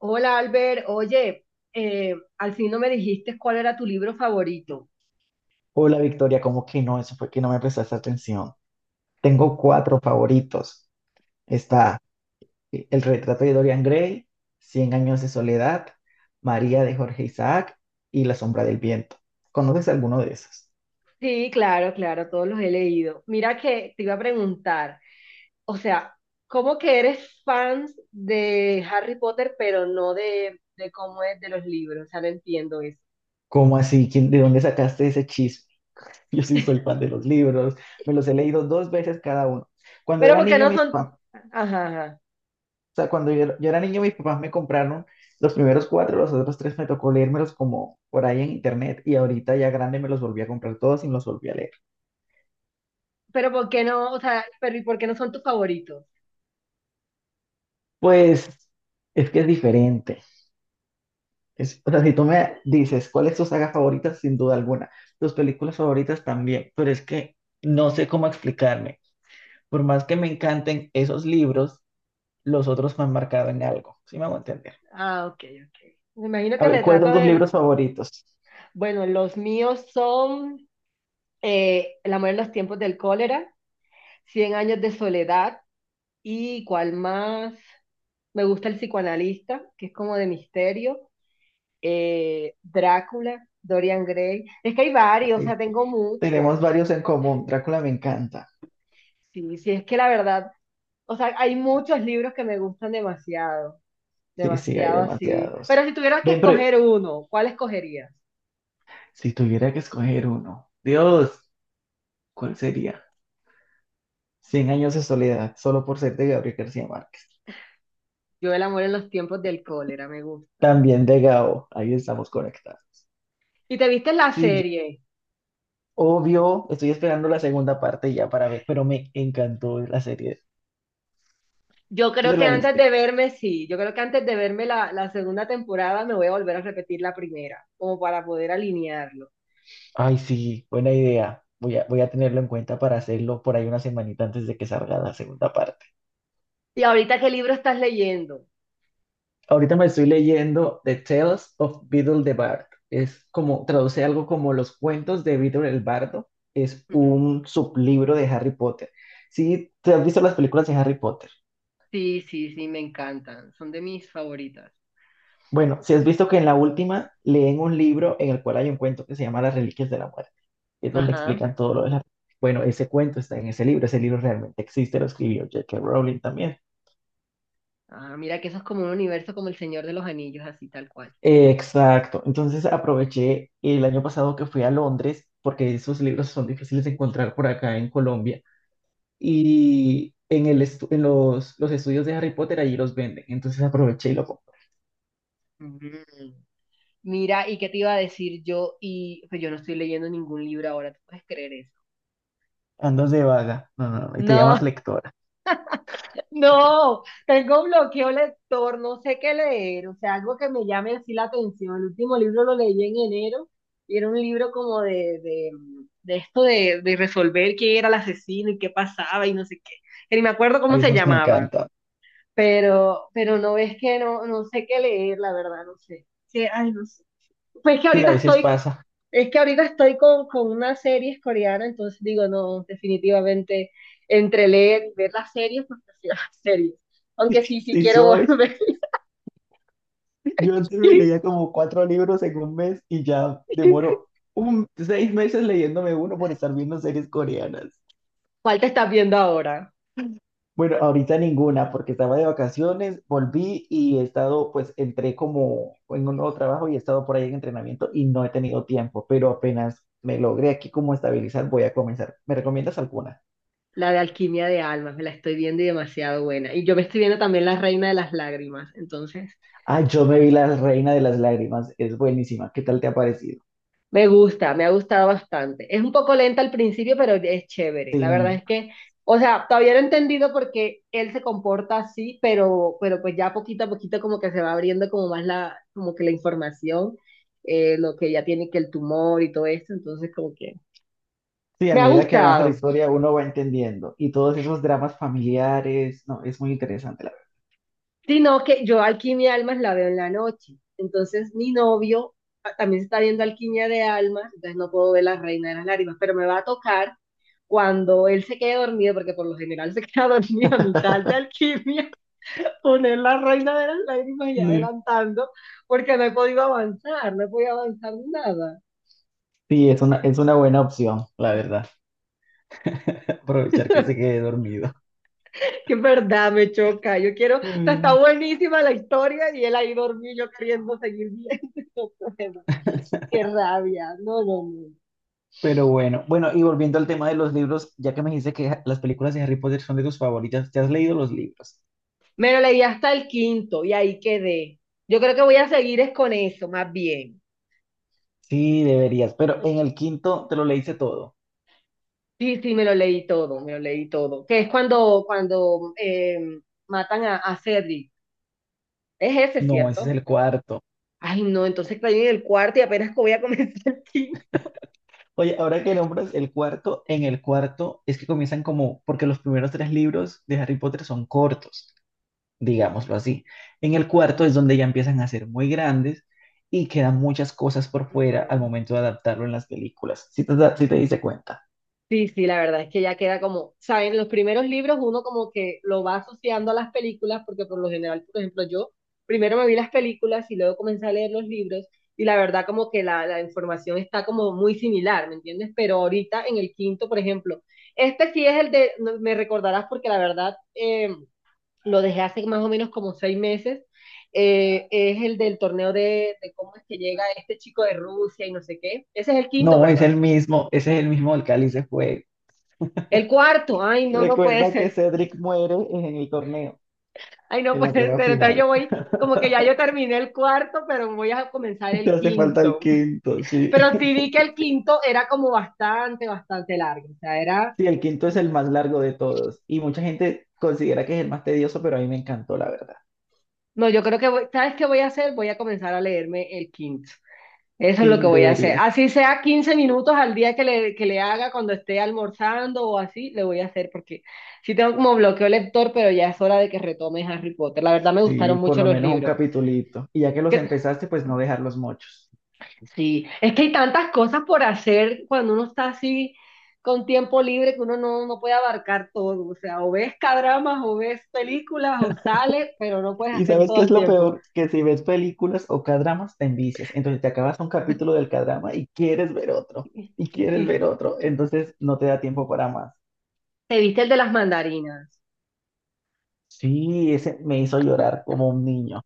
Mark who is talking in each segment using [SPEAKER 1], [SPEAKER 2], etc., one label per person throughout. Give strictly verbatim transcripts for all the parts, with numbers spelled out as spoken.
[SPEAKER 1] Hola Albert, oye, eh, al fin no me dijiste cuál era tu libro favorito.
[SPEAKER 2] Hola Victoria, ¿cómo que no? Eso fue que no me prestaste atención. Tengo cuatro favoritos. Está eh, El retrato de Dorian Gray, Cien años de soledad, María de Jorge Isaac y La sombra del viento. ¿Conoces alguno de esos?
[SPEAKER 1] Sí, claro, claro, todos los he leído. Mira que te iba a preguntar, o sea, ¿cómo que eres fan de Harry Potter, pero no de, de cómo es de los libros? O sea, no entiendo eso.
[SPEAKER 2] ¿Cómo así? ¿Quién- de dónde sacaste ese chisme? Yo sí soy fan de los libros, me los he leído dos veces cada uno. Cuando
[SPEAKER 1] Pero
[SPEAKER 2] era
[SPEAKER 1] ¿por qué
[SPEAKER 2] niño,
[SPEAKER 1] no
[SPEAKER 2] mis,
[SPEAKER 1] son?
[SPEAKER 2] pa-
[SPEAKER 1] Ajá, ajá.
[SPEAKER 2] sea, cuando yo, yo era niño, mis papás me compraron los primeros cuatro, los otros tres me tocó leérmelos como por ahí en internet y ahorita ya grande me los volví a comprar todos y me los volví a leer.
[SPEAKER 1] Pero ¿por qué no? O sea, pero ¿y por qué no son tus favoritos?
[SPEAKER 2] Pues es que es diferente. Es, o sea, si tú me dices, ¿cuál es tu saga favorita? Sin duda alguna. Tus películas favoritas también, pero es que no sé cómo explicarme. Por más que me encanten esos libros, los otros me han marcado en algo. ¿Sí me hago entender?
[SPEAKER 1] Ah, ok, ok. Me imagino
[SPEAKER 2] A
[SPEAKER 1] que
[SPEAKER 2] ver, ¿cuáles
[SPEAKER 1] retrato
[SPEAKER 2] son tus
[SPEAKER 1] de...
[SPEAKER 2] libros favoritos?
[SPEAKER 1] Bueno, los míos son eh, El amor en los tiempos del cólera. Cien años de soledad y cuál más. Me gusta el psicoanalista, que es como de misterio. eh, Drácula, Dorian Gray. Es que hay varios, o sea,
[SPEAKER 2] Ahí
[SPEAKER 1] tengo mucho.
[SPEAKER 2] tenemos varios en común. Drácula me encanta.
[SPEAKER 1] Sí, sí, es que la verdad, o sea, hay muchos libros que me gustan demasiado,
[SPEAKER 2] Sí, sí, hay
[SPEAKER 1] demasiado así.
[SPEAKER 2] demasiados.
[SPEAKER 1] Pero si tuvieras que
[SPEAKER 2] Ven, pero
[SPEAKER 1] escoger uno, ¿cuál escogerías?
[SPEAKER 2] si tuviera que escoger uno, Dios, ¿cuál sería? Cien años de soledad, solo por ser de Gabriel García Márquez.
[SPEAKER 1] Yo El amor en los tiempos del cólera, me gusta.
[SPEAKER 2] También de Gao, ahí estamos conectados.
[SPEAKER 1] ¿Y te viste la
[SPEAKER 2] Sí, yo-
[SPEAKER 1] serie?
[SPEAKER 2] obvio, estoy esperando la segunda parte ya para ver, pero me encantó la serie.
[SPEAKER 1] Yo
[SPEAKER 2] ¿Tú
[SPEAKER 1] creo
[SPEAKER 2] te
[SPEAKER 1] que
[SPEAKER 2] la
[SPEAKER 1] antes
[SPEAKER 2] viste?
[SPEAKER 1] de verme, sí, yo creo que antes de verme la, la segunda temporada me voy a volver a repetir la primera, como para poder alinearlo.
[SPEAKER 2] Ay, sí, buena idea. Voy a, voy a tenerlo en cuenta para hacerlo por ahí una semanita antes de que salga la segunda parte.
[SPEAKER 1] ¿Y ahorita qué libro estás leyendo?
[SPEAKER 2] Ahorita me estoy leyendo The Tales of Beedle the Bard. Es como, traduce algo como Los cuentos de Beedle el Bardo. Es
[SPEAKER 1] Mm.
[SPEAKER 2] un sublibro de Harry Potter. Si te has visto las películas de Harry Potter.
[SPEAKER 1] Sí, sí, sí, me encantan, son de mis favoritas.
[SPEAKER 2] Bueno, si has visto que en la última leen un libro en el cual hay un cuento que se llama Las Reliquias de la Muerte. Es donde
[SPEAKER 1] Ajá.
[SPEAKER 2] explican todo lo de la... Bueno, ese cuento está en ese libro. Ese libro realmente existe, lo escribió J K. Rowling también.
[SPEAKER 1] Ah, mira que eso es como un universo como El Señor de los Anillos, así tal cual.
[SPEAKER 2] Exacto. Entonces aproveché el año pasado que fui a Londres, porque esos libros son difíciles de encontrar por acá en Colombia, y en el estu- en los, los estudios de Harry Potter allí los venden. Entonces aproveché y lo compré.
[SPEAKER 1] Mm. Mira, ¿y qué te iba a decir yo? Y pues yo no estoy leyendo ningún libro ahora, ¿tú puedes creer eso?
[SPEAKER 2] Andas de vaga. No, no, no, y te
[SPEAKER 1] No.
[SPEAKER 2] llamas lectora.
[SPEAKER 1] No, tengo bloqueo lector, no sé qué leer, o sea, algo que me llame así la atención. El último libro lo leí en enero y era un libro como de, de, de esto de, de resolver quién era el asesino y qué pasaba y no sé qué. Que ni me acuerdo
[SPEAKER 2] A
[SPEAKER 1] cómo se
[SPEAKER 2] esos me
[SPEAKER 1] llamaba,
[SPEAKER 2] encantan.
[SPEAKER 1] pero, pero no es que no, no sé qué leer, la verdad, no sé. Sí, ay, no sé. Pues que
[SPEAKER 2] Sí, a
[SPEAKER 1] ahorita
[SPEAKER 2] veces
[SPEAKER 1] estoy
[SPEAKER 2] pasa.
[SPEAKER 1] Es que ahorita estoy con, con una serie coreana, entonces digo, no, definitivamente entre leer y ver las series, pues prefiero las series. Aunque sí, sí
[SPEAKER 2] Sí,
[SPEAKER 1] quiero
[SPEAKER 2] soy.
[SPEAKER 1] volver.
[SPEAKER 2] Yo antes me leía como cuatro libros en un mes y ya demoro un, seis meses leyéndome uno por estar viendo series coreanas.
[SPEAKER 1] ¿Cuál te estás viendo ahora?
[SPEAKER 2] Bueno, ahorita ninguna, porque estaba de vacaciones, volví y he estado, pues entré como en un nuevo trabajo y he estado por ahí en entrenamiento y no he tenido tiempo, pero apenas me logré aquí como estabilizar, voy a comenzar. ¿Me recomiendas alguna?
[SPEAKER 1] La de Alquimia de Almas, me la estoy viendo y demasiado buena. Y yo me estoy viendo también La Reina de las Lágrimas, entonces
[SPEAKER 2] Ah, yo me vi La Reina de las Lágrimas, es buenísima. ¿Qué tal te ha parecido?
[SPEAKER 1] me gusta, me ha gustado bastante. Es un poco lenta al principio, pero es chévere.
[SPEAKER 2] Sí,
[SPEAKER 1] La verdad es que, o sea, todavía no he entendido por qué él se comporta así, pero, pero pues ya poquito a poquito como que se va abriendo como más la, como que la información, eh, lo que ya tiene que el tumor y todo esto, entonces como que
[SPEAKER 2] sí, a
[SPEAKER 1] me ha
[SPEAKER 2] medida que avanza la
[SPEAKER 1] gustado.
[SPEAKER 2] historia uno va entendiendo y todos esos dramas familiares, no, es muy interesante, la
[SPEAKER 1] Sino que yo Alquimia de Almas la veo en la noche, entonces mi novio a- también se está viendo Alquimia de Almas, entonces no puedo ver La Reina de las Lágrimas, pero me va a tocar cuando él se quede dormido, porque por lo general se queda dormido a mitad de
[SPEAKER 2] verdad.
[SPEAKER 1] alquimia, poner la reina de las lágrimas y
[SPEAKER 2] Sí,
[SPEAKER 1] adelantando, porque no he podido avanzar, no he podido avanzar nada.
[SPEAKER 2] sí, es una, es una buena opción, la verdad, aprovechar que se quede dormido.
[SPEAKER 1] Que en verdad me choca, yo quiero, o sea, está
[SPEAKER 2] Mm.
[SPEAKER 1] buenísima la historia y él ahí dormido, yo queriendo seguir viendo, no puedo. Qué rabia, no, no, no.
[SPEAKER 2] Pero bueno, bueno, y volviendo al tema de los libros, ya que me dijiste que ha- las películas de Harry Potter son de tus favoritas, ¿te has leído los libros?
[SPEAKER 1] Me lo leí hasta el quinto y ahí quedé. Yo creo que voy a seguir es con eso, más bien.
[SPEAKER 2] Sí, deberías, pero en el quinto te lo leíste todo.
[SPEAKER 1] Sí, sí, me lo leí todo, me lo leí todo. Que es cuando, cuando eh, matan a, a Cedric. Es ese,
[SPEAKER 2] No, ese es
[SPEAKER 1] ¿cierto?
[SPEAKER 2] el cuarto.
[SPEAKER 1] Ay, no, entonces caí en el cuarto y apenas voy a comenzar el quinto.
[SPEAKER 2] Oye, ahora que nombras el cuarto, en el cuarto es que comienzan como, porque los primeros tres libros de Harry Potter son cortos, digámoslo así. En el cuarto es donde ya empiezan a ser muy grandes y quedan muchas cosas por fuera al
[SPEAKER 1] Ujú.
[SPEAKER 2] momento de adaptarlo en las películas, si te, da- si te diste cuenta.
[SPEAKER 1] Sí, sí, la verdad es que ya queda como, saben, los primeros libros uno como que lo va asociando a las películas, porque por lo general, por ejemplo, yo primero me vi las películas y luego comencé a leer los libros y la verdad como que la, la información está como muy similar, ¿me entiendes? Pero ahorita en el quinto, por ejemplo, este sí es el de, no- me recordarás porque la verdad eh, lo dejé hace más o menos como seis meses, eh, es el del torneo de, de cómo es que llega este chico de Rusia y no sé qué. Ese es el quinto,
[SPEAKER 2] No, es
[SPEAKER 1] ¿verdad?
[SPEAKER 2] el mismo, ese es el mismo del Cáliz de Fuego.
[SPEAKER 1] El cuarto, ay, no, no puede
[SPEAKER 2] Recuerda que
[SPEAKER 1] ser.
[SPEAKER 2] Cedric muere en el torneo,
[SPEAKER 1] Ay, no
[SPEAKER 2] en la
[SPEAKER 1] puede
[SPEAKER 2] prueba
[SPEAKER 1] ser. Entonces
[SPEAKER 2] final.
[SPEAKER 1] yo voy, como que ya yo terminé el cuarto, pero voy a comenzar
[SPEAKER 2] Te
[SPEAKER 1] el
[SPEAKER 2] hace falta el
[SPEAKER 1] quinto.
[SPEAKER 2] quinto, sí.
[SPEAKER 1] Pero sí vi que el quinto era como bastante, bastante largo. O sea, era,
[SPEAKER 2] Sí, el quinto es el más largo de todos y mucha gente considera que es el más tedioso, pero a mí me encantó, la verdad.
[SPEAKER 1] no, yo creo que, voy- ¿sabes qué voy a hacer? Voy a comenzar a leerme el quinto. Eso es lo
[SPEAKER 2] Sí,
[SPEAKER 1] que voy a hacer.
[SPEAKER 2] deberías.
[SPEAKER 1] Así sea quince minutos al día que le, que le haga cuando esté almorzando o así, le voy a hacer porque sí tengo como bloqueo lector, pero ya es hora de que retome Harry Potter. La verdad me gustaron
[SPEAKER 2] Sí, por
[SPEAKER 1] mucho
[SPEAKER 2] lo
[SPEAKER 1] los
[SPEAKER 2] menos un
[SPEAKER 1] libros.
[SPEAKER 2] capitulito. Y ya que los
[SPEAKER 1] ¿Qué-
[SPEAKER 2] empezaste, pues no dejar los mochos.
[SPEAKER 1] Sí, es que hay tantas cosas por hacer cuando uno está así con tiempo libre que uno no, no puede abarcar todo. O sea, o ves cadramas, o ves películas, o sales, pero no puedes
[SPEAKER 2] ¿Y
[SPEAKER 1] hacer
[SPEAKER 2] sabes
[SPEAKER 1] todo
[SPEAKER 2] qué es
[SPEAKER 1] al
[SPEAKER 2] lo
[SPEAKER 1] tiempo.
[SPEAKER 2] peor? Que si ves películas o cadramas, te envicias. Entonces te acabas un capítulo del cadrama y quieres ver otro. Y quieres
[SPEAKER 1] Y
[SPEAKER 2] ver otro. Entonces no te da tiempo para más.
[SPEAKER 1] te viste el de las mandarinas.
[SPEAKER 2] Sí, ese me hizo llorar como un niño.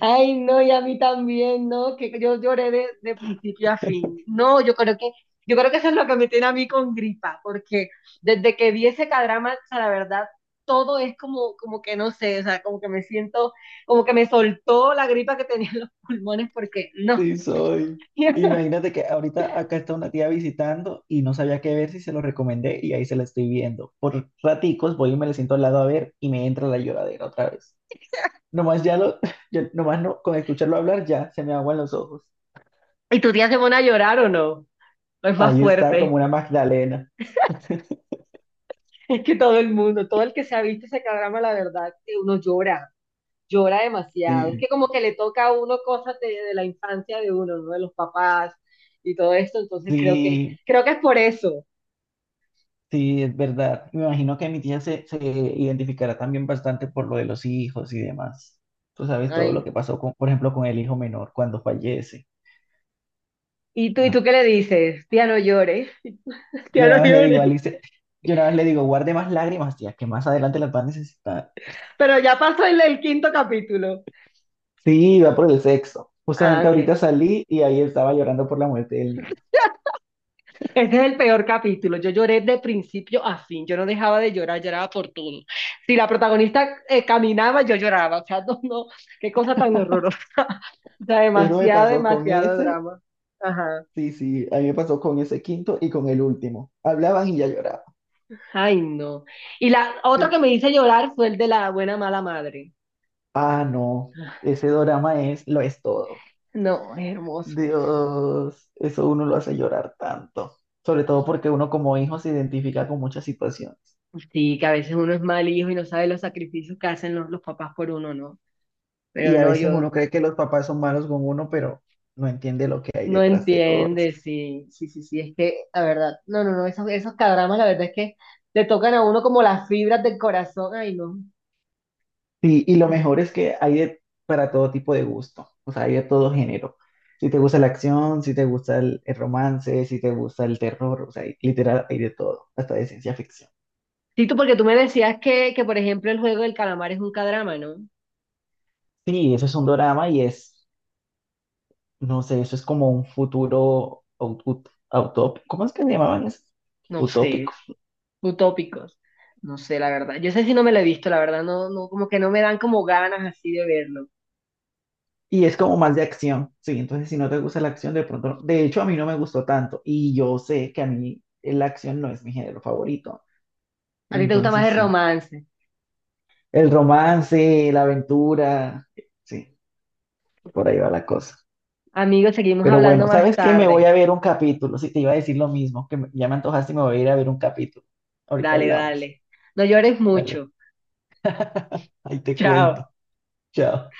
[SPEAKER 1] Ay, no, y a mí también, ¿no? Que yo lloré de, de principio a fin. No, yo creo que, yo creo que eso es lo que me tiene a mí con gripa, porque desde que vi ese cadrama, o sea, la verdad, todo es como, como que no sé, o sea, como que me siento, como que me soltó la gripa que tenía en los pulmones, porque no.
[SPEAKER 2] Sí, soy. Imagínate que ahorita acá está una tía visitando y no sabía qué ver si se lo recomendé y ahí se la estoy viendo. Por raticos voy y me le siento al lado a ver y me entra la lloradera otra vez. Nomás ya lo, ya- nomás no, con escucharlo hablar ya se me aguan los ojos.
[SPEAKER 1] ¿Y tu tía se pone a llorar o no? No es más
[SPEAKER 2] Ahí está
[SPEAKER 1] fuerte.
[SPEAKER 2] como una Magdalena.
[SPEAKER 1] Es que todo el mundo, todo el que se ha visto ese cadrama, la verdad, que uno llora. Llora demasiado. Es
[SPEAKER 2] Sí,
[SPEAKER 1] que como que le toca a uno cosas de, de la infancia de uno, ¿no? De los papás y todo esto, entonces creo que,
[SPEAKER 2] sí.
[SPEAKER 1] creo que es por eso.
[SPEAKER 2] Sí, es verdad. Me imagino que mi tía se, se identificará también bastante por lo de los hijos y demás. Tú sabes todo
[SPEAKER 1] Ay.
[SPEAKER 2] lo que pasó, con, por ejemplo, con el hijo menor cuando fallece.
[SPEAKER 1] ¿Y tú, y
[SPEAKER 2] No.
[SPEAKER 1] tú qué le dices? Tía no llores,
[SPEAKER 2] Yo
[SPEAKER 1] tía no
[SPEAKER 2] nada más le digo
[SPEAKER 1] llores.
[SPEAKER 2] a Alice, yo nada más le digo, guarde más lágrimas, tía, que más adelante las va a necesitar.
[SPEAKER 1] Pero ya pasó el, el quinto capítulo.
[SPEAKER 2] Sí, va por el sexo.
[SPEAKER 1] Ah,
[SPEAKER 2] Justamente
[SPEAKER 1] ok.
[SPEAKER 2] ahorita salí y ahí estaba llorando por la muerte del niño.
[SPEAKER 1] Ese es el peor capítulo. Yo lloré de principio a fin. Yo no dejaba de llorar, lloraba por todo. Si la protagonista eh, caminaba, yo lloraba. O sea, no, no, qué cosa tan horrorosa. O sea,
[SPEAKER 2] Eso me
[SPEAKER 1] demasiado,
[SPEAKER 2] pasó con
[SPEAKER 1] demasiado
[SPEAKER 2] ese,
[SPEAKER 1] drama. Ajá.
[SPEAKER 2] sí, sí, a mí me pasó con ese quinto y con el último. Hablaban y ya lloraba.
[SPEAKER 1] Ay, no. Y la otro
[SPEAKER 2] Sí.
[SPEAKER 1] que me hizo llorar fue el de la buena mala madre.
[SPEAKER 2] Ah, no, ese drama es, lo es todo.
[SPEAKER 1] No, es hermoso.
[SPEAKER 2] Dios, eso uno lo hace llorar tanto, sobre todo porque uno como hijo se identifica con muchas situaciones
[SPEAKER 1] Sí, que a veces uno es mal hijo y no sabe los sacrificios que hacen los, los papás por uno, ¿no?
[SPEAKER 2] y
[SPEAKER 1] Pero
[SPEAKER 2] a
[SPEAKER 1] no, yo
[SPEAKER 2] veces uno cree que los papás son malos con uno, pero no entiende lo que hay
[SPEAKER 1] no
[SPEAKER 2] detrás de todo eso.
[SPEAKER 1] entiende, sí, sí, sí, sí, es que, la verdad, no, no, no, esos, esos cadramas, la verdad es que le tocan a uno como las fibras del corazón, ay, no.
[SPEAKER 2] Sí, y lo mejor es que hay de- para todo tipo de gusto, o sea, hay de todo género. Si te gusta la acción, si te gusta el, el romance, si te gusta el terror, o sea, hay- literal, hay de todo, hasta de ciencia ficción.
[SPEAKER 1] Sí, tú, porque tú me decías que, que, por ejemplo, el juego del calamar es un cadrama, ¿no?
[SPEAKER 2] Sí, eso es un drama y es. No sé, eso es como un futuro ut- ut- utópico. ¿Cómo es que se llamaban eso?
[SPEAKER 1] No sé,
[SPEAKER 2] Utópico.
[SPEAKER 1] utópicos. No sé, la verdad. Yo sé si no me lo he visto, la verdad. No, no, como que no me dan como ganas así de verlo.
[SPEAKER 2] Y es como más de acción. Sí, entonces si no te gusta la acción, de pronto. No, de hecho, a mí no me gustó tanto. Y yo sé que a mí la acción no es mi género favorito.
[SPEAKER 1] A ti te gusta más
[SPEAKER 2] Entonces
[SPEAKER 1] el
[SPEAKER 2] sí.
[SPEAKER 1] romance.
[SPEAKER 2] El romance, la aventura. Sí, por ahí va la cosa.
[SPEAKER 1] Amigos, seguimos
[SPEAKER 2] Pero bueno,
[SPEAKER 1] hablando más
[SPEAKER 2] ¿sabes qué? Me voy
[SPEAKER 1] tarde.
[SPEAKER 2] a ver un capítulo. Si te iba a decir lo mismo, que me- ya me antojaste y me voy a ir a ver un capítulo. Ahorita
[SPEAKER 1] Dale,
[SPEAKER 2] hablamos.
[SPEAKER 1] dale. No llores
[SPEAKER 2] Dale.
[SPEAKER 1] mucho.
[SPEAKER 2] Ahí te cuento.
[SPEAKER 1] Chao.
[SPEAKER 2] Chao.